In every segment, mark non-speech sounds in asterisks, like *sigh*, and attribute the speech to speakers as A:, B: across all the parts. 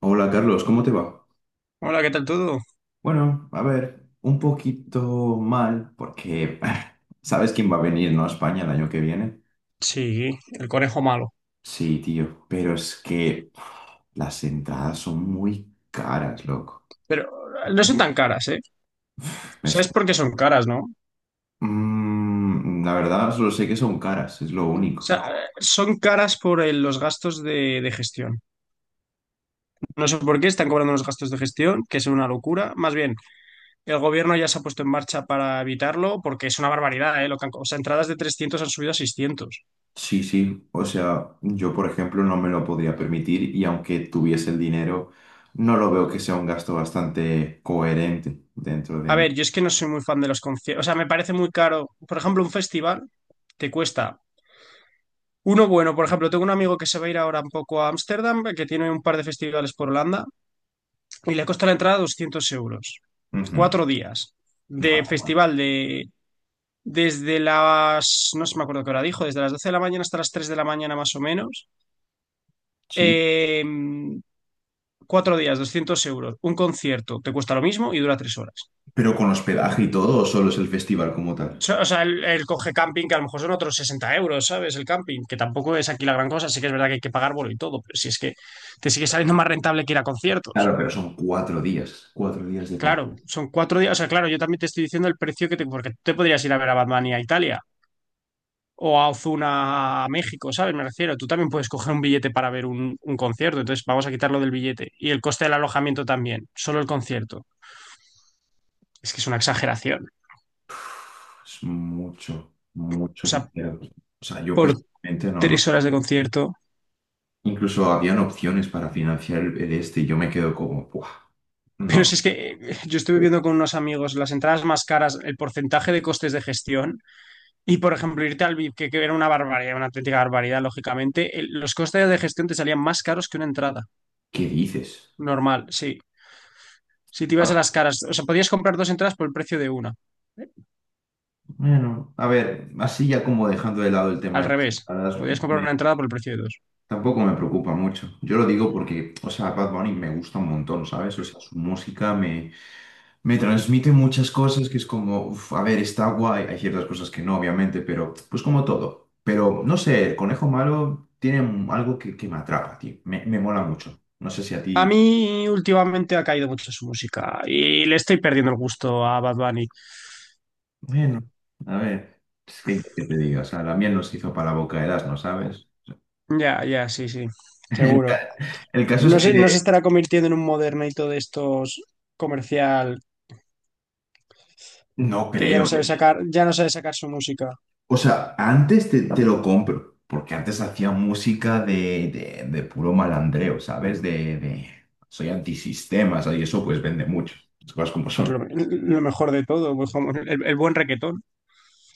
A: Hola, Carlos, ¿cómo te va?
B: Hola, ¿qué tal todo?
A: Bueno, a ver, un poquito mal porque *laughs* ¿sabes quién va a venir, no, a España el año que viene?
B: Sí, el conejo malo.
A: Sí, tío, pero es que *sighs* las entradas son muy caras, loco.
B: Pero no son tan caras, ¿eh?
A: Me está-
B: ¿Sabes por qué son caras, no? O
A: La verdad, solo sé que son caras, es lo
B: sea,
A: único.
B: son caras por los gastos de gestión. No sé por qué están cobrando los gastos de gestión, que es una locura. Más bien, el gobierno ya se ha puesto en marcha para evitarlo, porque es una barbaridad, ¿eh? Lo que han o sea, entradas de 300 han subido a 600.
A: Sí, sí, o sea, yo, por ejemplo, no me lo podría permitir, y aunque tuviese el dinero, no lo veo que sea un gasto bastante coherente dentro de
B: A
A: mí.
B: ver, yo es que no soy muy fan de los conciertos. O sea, me parece muy caro. Por ejemplo, un festival te cuesta uno bueno. Por ejemplo, tengo un amigo que se va a ir ahora un poco a Ámsterdam, que tiene un par de festivales por Holanda, y le costó la entrada 200 euros.
A: Ujú,
B: 4 días
A: nada
B: de
A: más.
B: festival de desde las, no sé me acuerdo qué hora dijo, desde las 12 de la mañana hasta las 3 de la mañana más o menos.
A: Sí.
B: Eh, 4 días, 200 euros. Un concierto te cuesta lo mismo y dura 3 horas.
A: Pero con hospedaje y todo, ¿o solo es el festival como tal?
B: O sea, el coge camping, que a lo mejor son otros 60 euros, ¿sabes? El camping, que tampoco es aquí la gran cosa. Sí que es verdad que hay que pagar bolo y todo, pero si es que te sigue saliendo más rentable que ir a conciertos.
A: Claro, pero son 4 días. 4 días de
B: Claro,
A: concierto.
B: son 4 días. O sea, claro, yo también te estoy diciendo el precio que te. Porque tú te podrías ir a ver a Batman y a Italia o a Ozuna a México, ¿sabes? Me refiero, tú también puedes coger un billete para ver un concierto, entonces vamos a quitarlo del billete. Y el coste del alojamiento también, solo el concierto. Es que es una exageración.
A: Es mucho,
B: O
A: mucho
B: sea,
A: dinero. O sea, yo
B: por
A: personalmente no, no.
B: 3 horas de concierto.
A: Incluso habían opciones para financiar el este, y yo me quedo como, ¡buah!
B: Pero
A: No,
B: si es que yo estuve viendo con unos amigos las entradas más caras, el porcentaje de costes de gestión y, por ejemplo, irte al VIP, que era una barbaridad, una auténtica barbaridad, lógicamente, los costes de gestión te salían más caros que una entrada
A: ¿qué dices?
B: normal, sí. Si te ibas a
A: Bueno,
B: las caras, o sea, podías comprar dos entradas por el precio de una.
A: bueno, a ver, así ya como dejando de lado el tema
B: Al
A: de las
B: revés,
A: entradas,
B: podías comprar
A: me-
B: una entrada por el precio de dos.
A: tampoco me preocupa mucho. Yo lo digo porque, o sea, Bad Bunny me gusta un montón, ¿sabes? O sea, su música me transmite muchas cosas que es como, uf, a ver, está guay. Hay ciertas cosas que no, obviamente, pero pues como todo. Pero no sé, el conejo malo tiene algo que me atrapa, tío. Me mola mucho. No sé si a
B: A
A: ti.
B: mí últimamente ha caído mucho su música y le estoy perdiendo el gusto a Bad Bunny.
A: Bueno, a ver, es que, ¿qué te digo? O sea, la miel nos hizo para la boca de, ¿no sabes? *laughs*
B: Ya, ya, sí, sí,
A: El,
B: seguro.
A: ca- el caso es
B: No se
A: que
B: estará convirtiendo en un modernito de estos comercial
A: no
B: que ya
A: creo,
B: no sabe
A: ¿eh?
B: sacar, ya no sabe sacar su música.
A: O sea, antes te lo compro, porque antes hacía música de puro malandreo, ¿sabes? De soy antisistema, ¿sabes? Y eso pues vende mucho, las cosas como
B: Pues
A: son.
B: lo mejor de todo, pues como el buen requetón.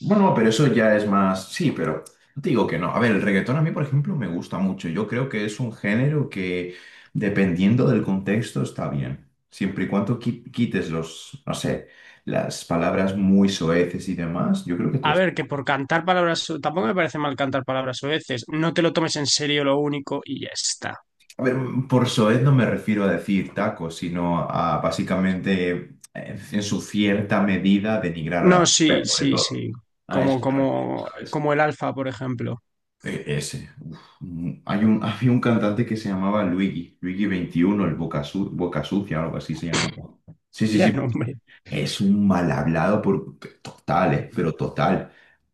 A: Bueno, pero eso ya es más, sí, pero no te digo que no. A ver, el reggaetón a mí, por ejemplo, me gusta mucho. Yo creo que es un género que, dependiendo del contexto, está bien. Siempre y cuando quites los, no sé, las palabras muy soeces y demás, yo creo que
B: A
A: todo.
B: ver, que por cantar palabras, tampoco me parece mal cantar palabras veces. No te lo tomes en serio lo único y ya está.
A: A ver, por soez no me refiero a decir tacos, sino a, básicamente, en su cierta medida, denigrar a la
B: No, sí,
A: mujer, sobre
B: sí,
A: todo.
B: sí.
A: A
B: Como,
A: eso me refiero,
B: como,
A: ¿sabes?
B: como el Alfa, por ejemplo.
A: Ese, uf. Había un cantante que se llamaba Luigi 21, el Boca, Boca Sucia, algo así se llamaba. Sí,
B: *laughs*
A: sí,
B: Ya
A: sí.
B: no, hombre.
A: Es un mal hablado por total, pero total.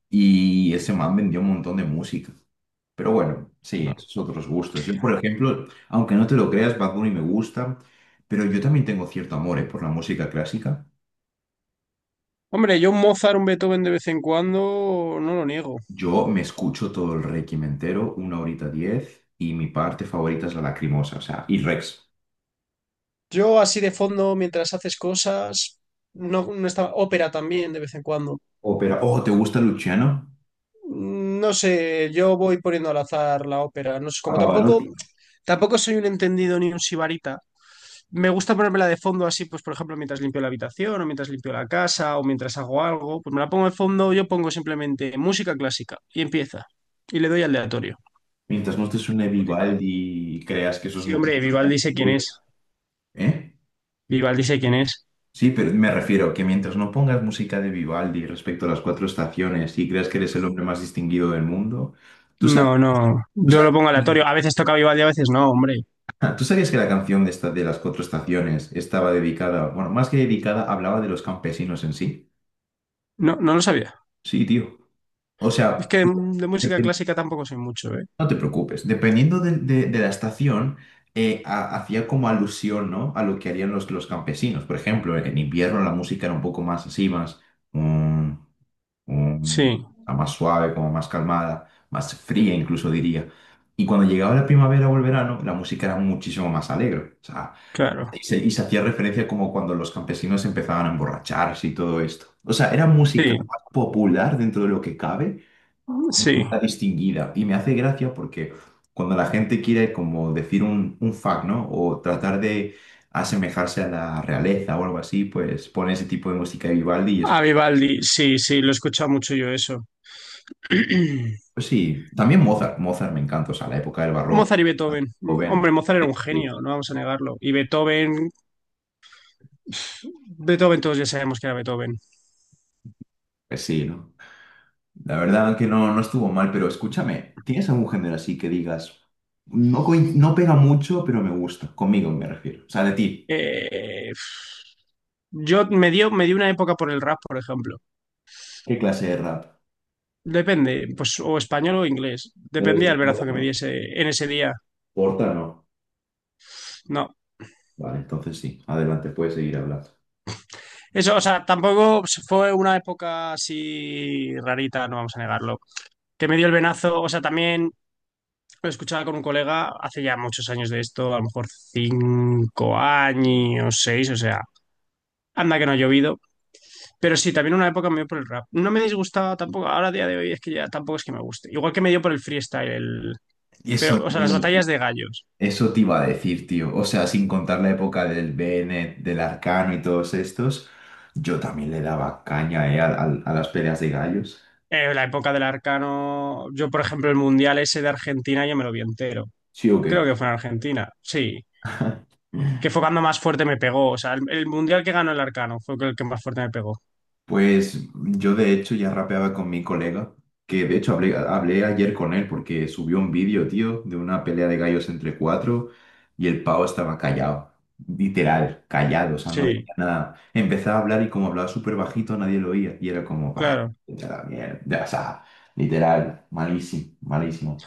A: Y ese man vendió un montón de música. Pero bueno, sí,
B: No.
A: esos otros gustos. Yo, por ejemplo, aunque no te lo creas, Bad Bunny me gusta, pero yo también tengo cierto amor, por la música clásica.
B: Hombre, yo un Mozart, un Beethoven de vez en cuando, no lo niego.
A: Yo me escucho todo el Requiem entero, una horita 10, y mi parte favorita es la Lacrimosa, o sea, y Rex.
B: Yo así de fondo, mientras haces cosas, no, no estaba. Ópera también de vez en cuando.
A: Ópera. Oh, ¿te gusta Luciano?
B: No sé, yo voy poniendo al azar la ópera. No sé,
A: A
B: como tampoco,
A: Pavarotti.
B: tampoco soy un entendido ni un sibarita. Me gusta ponérmela de fondo así, pues por ejemplo, mientras limpio la habitación o mientras limpio la casa o mientras hago algo, pues me la pongo de fondo, yo pongo simplemente música clásica y empieza. Y le doy al aleatorio.
A: Mientras no te suene
B: Spotify.
A: Vivaldi y creas que eso es
B: Sí, hombre,
A: música.
B: Vivaldi sé quién es.
A: ¿Eh?
B: Vivaldi sé quién es.
A: Sí, pero me refiero que mientras no pongas música de Vivaldi respecto a las cuatro estaciones y creas que eres el hombre más distinguido del mundo, ¿tú sabes,
B: No, no,
A: tú
B: yo
A: sa-
B: lo pongo aleatorio. A veces toca Vivaldi, a veces no, hombre.
A: *laughs* ¿Tú sabías que la canción de, esta, de las cuatro estaciones estaba dedicada, bueno, más que dedicada, hablaba de los campesinos en sí?
B: No, no lo sabía.
A: Sí, tío. O
B: Es
A: sea,
B: que de música
A: depen-
B: clásica tampoco soy mucho, ¿eh?
A: no te preocupes, dependiendo de la estación, hacía como alusión, ¿no? A lo que harían los campesinos. Por ejemplo, en invierno la música era un poco más así, más... mm, mm,
B: Sí,
A: a más suave, como más calmada, más fría incluso diría. Y cuando llegaba la primavera o el verano, la música era muchísimo más alegre. O sea,
B: claro.
A: y se hacía referencia como cuando los campesinos empezaban a emborracharse y todo esto. O sea, era música
B: Sí,
A: más popular dentro de lo que cabe,
B: sí.
A: la distinguida. Y me hace gracia porque cuando la gente quiere como decir un fact, ¿no? O tratar de asemejarse a la realeza o algo así, pues pone ese tipo de música de Vivaldi y es
B: A
A: como.
B: Vivaldi, sí, sí, lo he escuchado mucho yo eso. *clears throat*
A: Pues sí, también Mozart, Mozart me encanta, o sea, la época del barroco,
B: Mozart y
A: ah,
B: Beethoven.
A: joven,
B: Hombre, Mozart era
A: sí,
B: un
A: sí,
B: genio, no vamos a negarlo. Y Beethoven todos ya sabemos que era Beethoven.
A: pues sí, ¿no? La verdad que no, no estuvo mal, pero escúchame, ¿tienes algún género así que digas, no, no pega mucho, pero me gusta, conmigo me refiero, o sea, de ti?
B: Eh, yo me dio una época por el rap, por ejemplo.
A: ¿Qué clase de rap?
B: Depende, pues o español o inglés.
A: No eres
B: Dependía
A: de
B: el verazo
A: Porta,
B: que me
A: ¿no?
B: diese en ese día.
A: Porta no.
B: No.
A: Vale, entonces sí, adelante, puedes seguir hablando.
B: Eso, o sea, tampoco fue una época así rarita, no vamos a negarlo. Que me dio el venazo, o sea, también lo escuchaba con un colega hace ya muchos años de esto, a lo mejor 5 años, seis, o sea, anda que no ha llovido. Pero sí, también una época me dio por el rap. No me disgustaba tampoco. Ahora, a día de hoy, es que ya tampoco es que me guste. Igual que me dio por el freestyle.
A: Y eso.
B: Pero, o sea, las batallas de gallos.
A: Eso te iba a decir, tío. O sea, sin contar la época del Bennett, del Arcano y todos estos, yo también le daba caña, a las peleas de gallos.
B: La época del Arcano. Yo, por ejemplo, el mundial ese de Argentina, yo me lo vi entero.
A: ¿Sí o
B: Creo
A: qué?
B: que fue en Argentina. Sí.
A: *laughs*
B: Que fue cuando más fuerte me pegó. O sea, el mundial que ganó el Arcano fue el que más fuerte me pegó.
A: Pues yo, de hecho, ya rapeaba con mi colega, que de hecho hablé ayer con él porque subió un vídeo, tío, de una pelea de gallos entre cuatro, y el pavo estaba callado, literal, callado, o sea, no
B: Sí,
A: decía nada. Empezaba a hablar y, como hablaba súper bajito, nadie lo oía y era como, bah,
B: claro.
A: vete a la mierda, o sea, literal, malísimo, malísimo.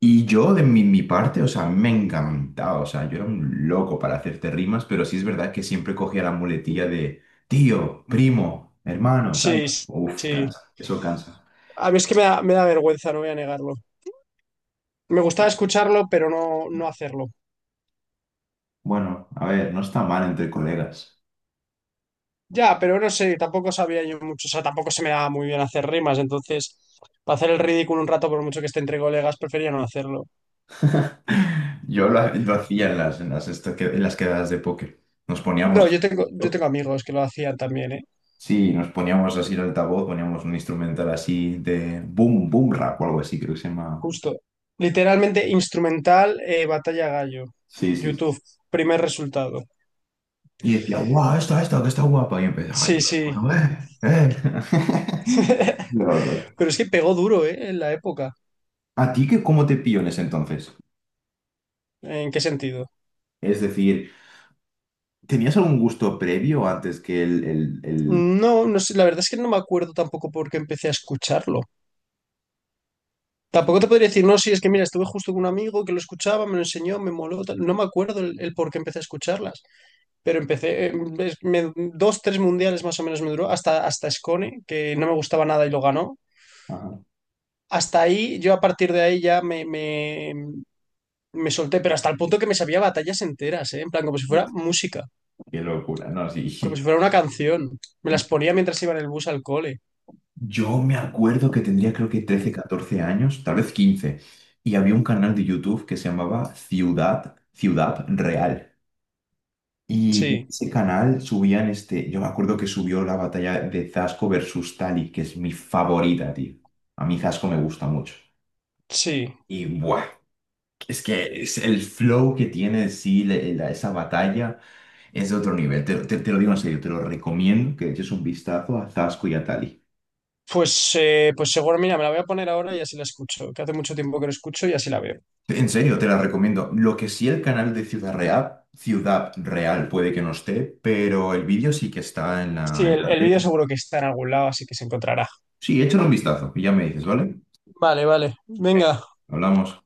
A: Y yo, de mi parte, o sea, a mí me encantaba, o sea, yo era un loco para hacerte rimas, pero sí es verdad que siempre cogía la muletilla de tío, primo, hermano, ¿sabes?
B: Sí,
A: Uf,
B: sí.
A: cansa, eso cansa.
B: A mí es que me da vergüenza, no voy a negarlo. Me gustaba escucharlo, pero no hacerlo.
A: Bueno, a ver, no está mal entre colegas.
B: Ya, pero no sé, tampoco sabía yo mucho, o sea, tampoco se me daba muy bien hacer rimas, entonces, para hacer el ridículo un rato, por mucho que esté entre colegas, prefería no hacerlo.
A: *laughs* Yo lo hacía en las quedadas de póker. Nos poníamos,
B: No, yo tengo amigos que lo hacían también, ¿eh?
A: sí, nos poníamos así el altavoz, poníamos un instrumental así de boom, boom rap o algo así, creo que se llama.
B: Justo. Literalmente, instrumental, Batalla Gallo,
A: Sí, sí, sí.
B: YouTube, primer resultado.
A: Y decía, guau, esta, que está guapa. Y empezaba, ay
B: Sí,
A: todo,
B: sí.
A: bueno. *laughs*
B: *laughs*
A: Locos.
B: Pero es que pegó duro, ¿eh? En la época.
A: ¿A ti qué, cómo te pilló en ese entonces?
B: ¿En qué sentido?
A: Es decir, ¿tenías algún gusto previo antes que el-
B: No, no sé, la verdad es que no me acuerdo tampoco por qué empecé a escucharlo. Tampoco te podría decir, no, sí, es que mira, estuve justo con un amigo que lo escuchaba, me lo enseñó, me moló, tal. No me acuerdo el por qué empecé a escucharlas, pero empecé, dos, tres mundiales más o menos me duró, hasta Scone, que no me gustaba nada y lo ganó.
A: Ajá.
B: Hasta ahí, yo a partir de ahí ya me solté, pero hasta el punto que me sabía batallas enteras, ¿eh? En plan, como si fuera
A: Uf,
B: música,
A: qué locura, no, sí.
B: como si fuera una canción. Me las ponía mientras iba en el bus al cole.
A: Yo me acuerdo que tendría, creo que, 13, 14 años, tal vez 15, y había un canal de YouTube que se llamaba Ciudad Real. Y en
B: Sí,
A: ese canal subían este, yo me acuerdo que subió la batalla de Zasco versus Tali, que es mi favorita, tío. A mí Zasco me gusta mucho.
B: sí.
A: Y buah, es que es el flow que tiene, sí, esa batalla es de otro nivel. Te lo digo en serio, te lo recomiendo que le eches un vistazo a Zasco y a Tali.
B: Pues, seguro, mira, me la voy a poner ahora y así la escucho, que hace mucho tiempo que no escucho y así la veo.
A: En serio, te la recomiendo. Lo que sí, el canal de Ciudad Real, Ciudad Real puede que no esté, pero el vídeo sí que está en
B: Sí,
A: la, en
B: el,
A: la
B: el vídeo
A: red.
B: seguro que está en algún lado, así que se encontrará.
A: Sí, échale un vistazo y ya me dices, ¿vale?
B: Vale, vale.
A: Venga,
B: Venga.
A: hablamos.